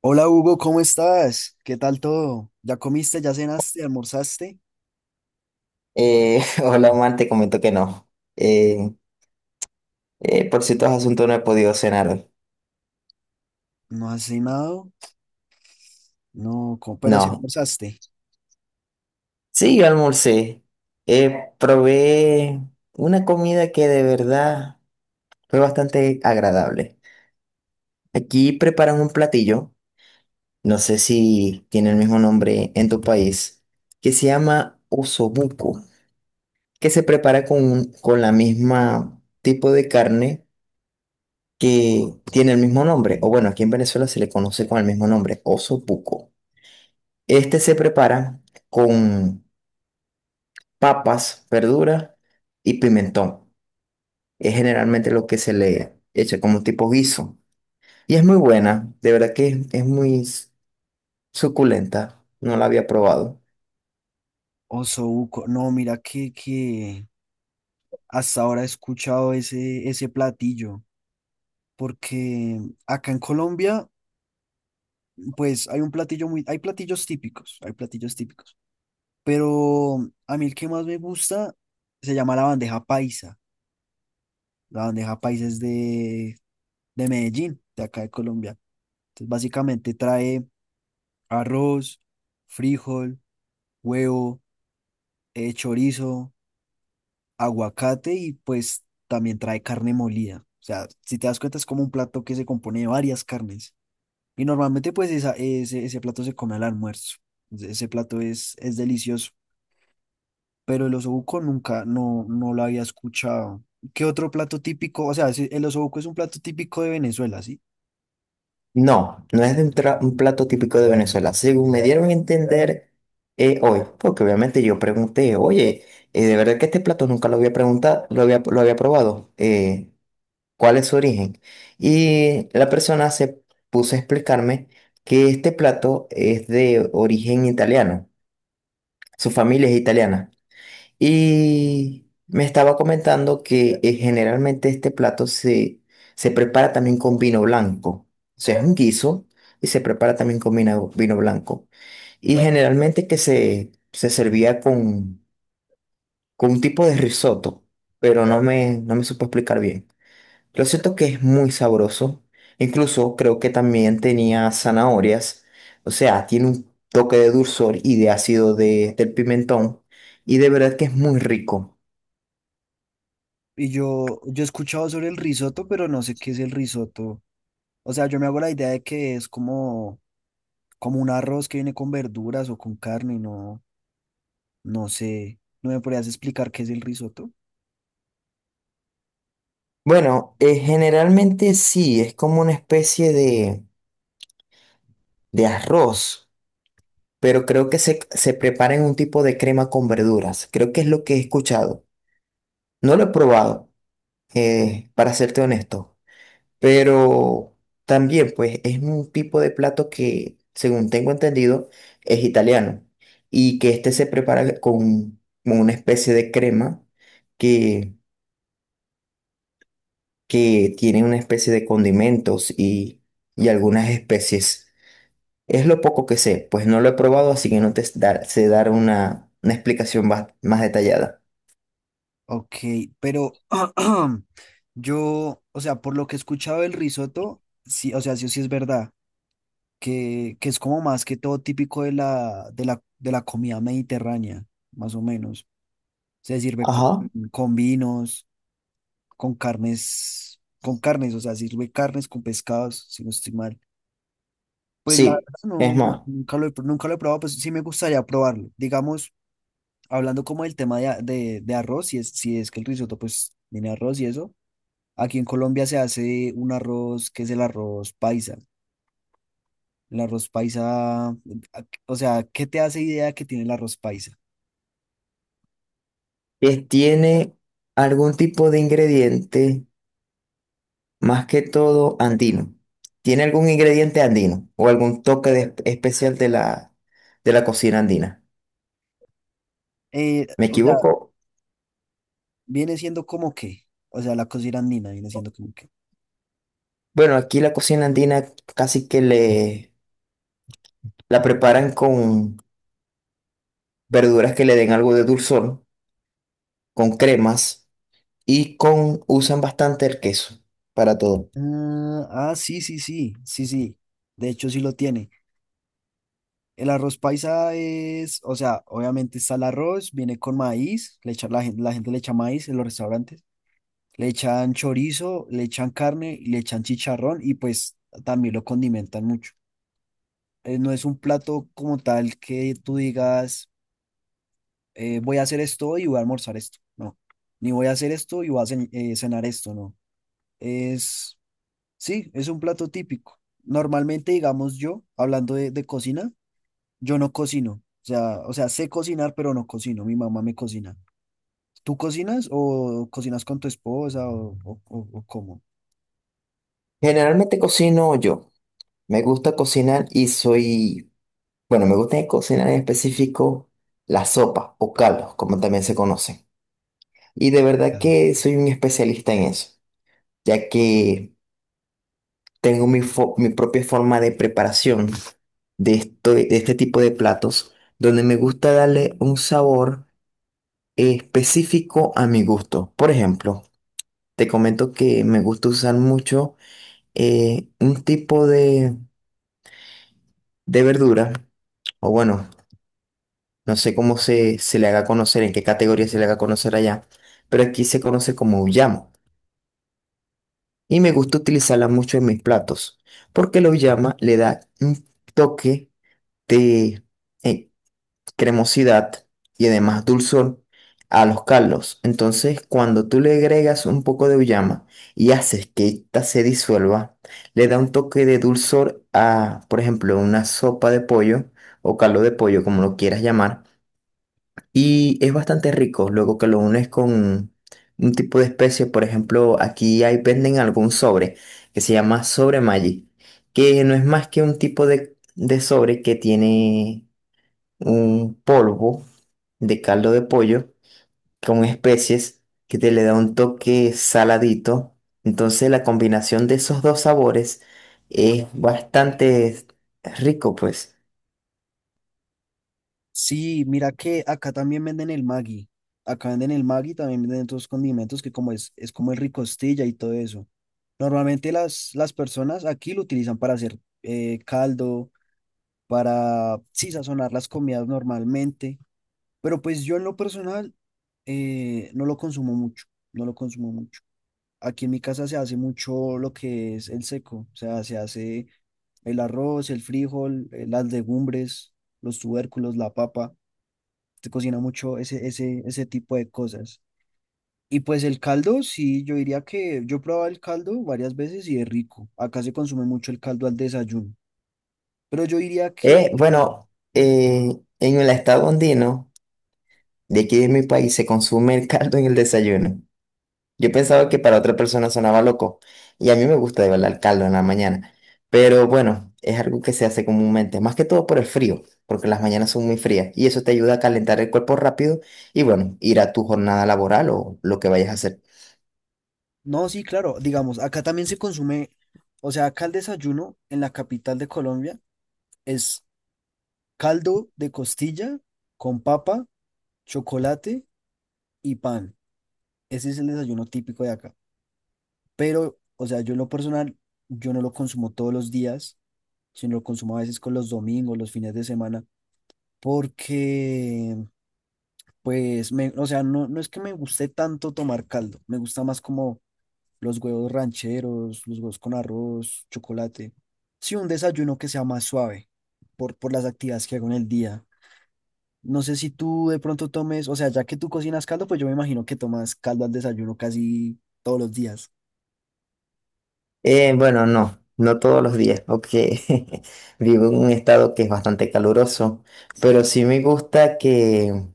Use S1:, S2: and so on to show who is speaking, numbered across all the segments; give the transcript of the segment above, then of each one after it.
S1: Hola Hugo, ¿cómo estás? ¿Qué tal todo? ¿Ya comiste, ya cenaste, almorzaste?
S2: Hola, Omar, te comento que no. Eh, por ciertos asuntos no he podido cenar hoy.
S1: ¿No has cenado? No, pero sí
S2: No.
S1: almorzaste.
S2: Sí, yo almorcé. Probé una comida que de verdad fue bastante agradable. Aquí preparan un platillo, no sé si tiene el mismo nombre en tu país, que se llama osobuco, que se prepara con la misma tipo de carne que tiene el mismo nombre, o bueno, aquí en Venezuela se le conoce con el mismo nombre, osobuco. Este se prepara con papas, verduras y pimentón. Es generalmente lo que se le echa como tipo guiso. Y es muy buena, de verdad que es suculenta. No la había probado.
S1: Osobuco, no, mira que hasta ahora he escuchado ese platillo, porque acá en Colombia, pues hay un platillo muy, hay platillos típicos, pero a mí el que más me gusta se llama la bandeja paisa. La bandeja paisa es de Medellín, de acá de Colombia. Entonces, básicamente trae arroz, frijol, huevo, chorizo, aguacate y pues también trae carne molida. O sea, si te das cuenta es como un plato que se compone de varias carnes. Y normalmente pues ese plato se come al almuerzo. Ese plato es delicioso. Pero el osobuco nunca, no, no lo había escuchado. ¿Qué otro plato típico? O sea, sí, el osobuco es un plato típico de Venezuela, ¿sí?
S2: No, no es de un plato típico de Venezuela. Según me dieron a entender hoy, porque obviamente yo pregunté, oye, de verdad que este plato nunca lo había preguntado, lo había probado. Cuál es su origen. Y la persona se puso a explicarme que este plato es de origen italiano, su familia es italiana. Y me estaba comentando que generalmente este se prepara también con vino blanco. O sea, es un guiso y se prepara también con vino blanco. Y claro, generalmente que se servía con un tipo de risotto, pero no claro. No me supo explicar bien. Lo cierto que es muy sabroso. Incluso creo que también tenía zanahorias. O sea, tiene un toque de dulzor y de ácido del pimentón. Y de verdad que es muy rico.
S1: Y yo he escuchado sobre el risotto, pero no sé qué es el risotto. O sea, yo me hago la idea de que es como como un arroz que viene con verduras o con carne, no, no sé, ¿no me podrías explicar qué es el risotto?
S2: Bueno, generalmente sí, es como una especie de arroz. Pero creo que se prepara en un tipo de crema con verduras. Creo que es lo que he escuchado. No lo he probado, para serte honesto. Pero también, pues, es un tipo de plato que, según tengo entendido, es italiano. Y que este se prepara con una especie de crema que, que tiene una especie de condimentos y algunas especies. Es lo poco que sé, pues no lo he probado, así que no te dar- sé dar una explicación más, más detallada.
S1: Ok, pero yo, o sea, por lo que he escuchado del risotto, sí, o sea, sí o sí es verdad, que es como más que todo típico de de la comida mediterránea, más o menos. Se sirve
S2: Ajá.
S1: con vinos, con carnes, o sea, sirve carnes con pescados, si no estoy mal. Pues la verdad
S2: Sí, es
S1: no,
S2: más,
S1: nunca lo he probado, pues sí me gustaría probarlo. Digamos, hablando como del tema de arroz, si es que el risotto pues tiene arroz y eso, aquí en Colombia se hace un arroz que es el arroz paisa. El arroz paisa, a- o sea, ¿qué te hace idea que tiene el arroz paisa?
S2: tiene algún tipo de ingrediente más que todo andino. ¿Tiene algún ingrediente andino o algún especial de la cocina andina? ¿Me
S1: O sea,
S2: equivoco?
S1: viene siendo como que, o sea, la cocina andina viene siendo como que.
S2: Bueno, aquí la cocina andina casi que le la preparan con verduras que le den algo de dulzor, con cremas y con usan bastante el queso para todo.
S1: Ah, ah, sí, sí, sí, sí, sí. De hecho, sí lo tiene. El arroz paisa es, o sea, obviamente está el arroz, viene con maíz, la gente le echa maíz en los restaurantes, le echan chorizo, le echan carne, y le echan chicharrón y pues también lo condimentan mucho. No es un plato como tal que tú digas, voy a hacer esto y voy a almorzar esto, no. Ni voy a hacer esto y voy a cenar esto, no. Es, sí, es un plato típico. Normalmente, digamos yo, hablando de cocina, yo no cocino. O sea, sé cocinar, pero no cocino. Mi mamá me cocina. ¿Tú cocinas o cocinas con tu esposa o cómo?
S2: Generalmente cocino yo. Me gusta cocinar y soy, bueno, me gusta cocinar en específico la sopa o caldos, como también se conocen. Y de verdad
S1: Mm.
S2: que soy un especialista en eso, ya que tengo mi propia forma de preparación de este tipo de platos, donde me gusta darle un sabor específico a mi gusto. Por ejemplo, te comento que me gusta usar mucho un tipo de verdura, o bueno, no sé cómo se le haga conocer, en qué categoría se le haga conocer allá, pero aquí se conoce como uyamo. Y me gusta utilizarla mucho en mis platos porque la llama le da un toque de eh, cremosidad y además dulzor a los caldos. Entonces, cuando tú le agregas un poco de uyama y haces que esta se disuelva, le da un toque de dulzor a, por ejemplo, una sopa de pollo o caldo de pollo, como lo quieras llamar. Y es bastante rico, luego que lo unes con un tipo de especie, por ejemplo, aquí hay venden algún sobre que se llama sobre Maggi, que no es más que un tipo de sobre que tiene un polvo de caldo de pollo con especies que te le da un toque saladito. Entonces la combinación de esos dos sabores es bastante rico, pues.
S1: Sí, mira que acá también venden el Maggi. Acá venden el Maggi, también venden otros condimentos que es como el ricostilla y todo eso. Normalmente las personas aquí lo utilizan para hacer caldo, para sí, sazonar las comidas normalmente. Pero pues yo en lo personal no lo consumo mucho. No lo consumo mucho. Aquí en mi casa se hace mucho lo que es el seco, o sea, se hace el arroz, el frijol, las legumbres, los tubérculos, la papa. Se cocina mucho ese tipo de cosas. Y pues el caldo, sí, yo diría que yo probaba el caldo varias veces y es rico. Acá se consume mucho el caldo al desayuno. Pero yo diría que,
S2: Bueno, en el estado andino. De aquí de mi país se consume el caldo en el desayuno. Yo pensaba que para otra persona sonaba loco, y a mí me gusta de verdad el caldo en la mañana. Pero bueno, es algo que se hace comúnmente, más que todo por el frío, porque las mañanas son muy frías, y eso te ayuda a calentar el cuerpo rápido y bueno, ir a tu jornada laboral o lo que vayas a hacer.
S1: no, sí, claro, digamos, acá también se consume, o sea, acá el desayuno en la capital de Colombia es caldo de costilla con papa, chocolate y pan. Ese es el desayuno típico de acá. Pero, o sea, yo en lo personal, yo no lo consumo todos los días, sino lo consumo a veces con los domingos, los fines de semana, porque, pues, me, o sea, no, no es que me guste tanto tomar caldo, me gusta más como los huevos rancheros, los huevos con arroz, chocolate. Sí, un desayuno que sea más suave por las actividades que hago en el día. No sé si tú de pronto tomes, o sea, ya que tú cocinas caldo, pues yo me imagino que tomas caldo al desayuno casi todos los días.
S2: Bueno, no, no todos los días, porque vivo en un estado que es bastante caluroso, pero sí me gusta que,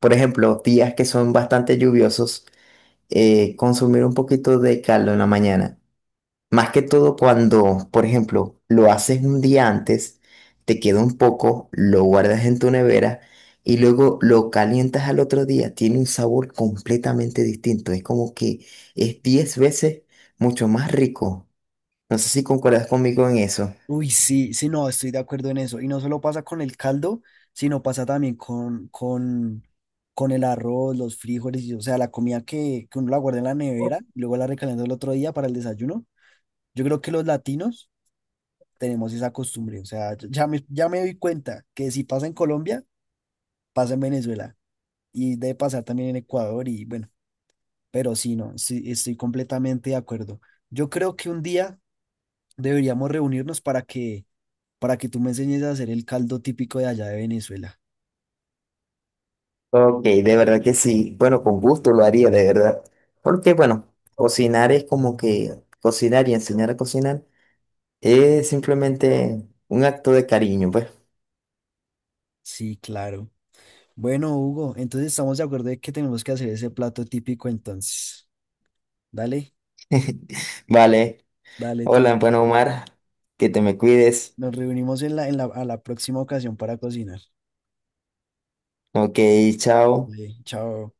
S2: por ejemplo, días que son bastante lluviosos. Consumir un poquito de caldo en la mañana. Más que todo cuando, por ejemplo, lo haces un día antes, te queda un poco, lo guardas en tu nevera y luego lo calientas al otro día. Tiene un sabor completamente distinto. Es como que es 10 veces mucho más rico. No sé si concuerdas conmigo en eso.
S1: Uy, sí, sí, no, estoy de acuerdo en eso. Y no solo pasa con el caldo, sino pasa también con el arroz, los frijoles, y, o sea, la comida que uno la guarda en la nevera, y luego la recalienta el otro día para el desayuno. Yo creo que los latinos tenemos esa costumbre, o sea, ya me doy cuenta que si pasa en Colombia, pasa en Venezuela y debe pasar también en Ecuador y bueno. Pero sí, no, sí, estoy completamente de acuerdo. Yo creo que un día deberíamos reunirnos para que tú me enseñes a hacer el caldo típico de allá de Venezuela.
S2: Ok, de verdad que sí. Bueno, con gusto lo haría, de verdad. Porque, bueno, cocinar es como que cocinar y enseñar a cocinar es simplemente un acto de cariño, pues.
S1: Sí, claro. Bueno, Hugo, entonces estamos de acuerdo de que tenemos que hacer ese plato típico entonces. Dale,
S2: Vale.
S1: dale, entonces
S2: Hola, bueno, Omar, que te me cuides.
S1: nos reunimos en a la próxima ocasión para cocinar.
S2: Ok, chao.
S1: Dale, chao.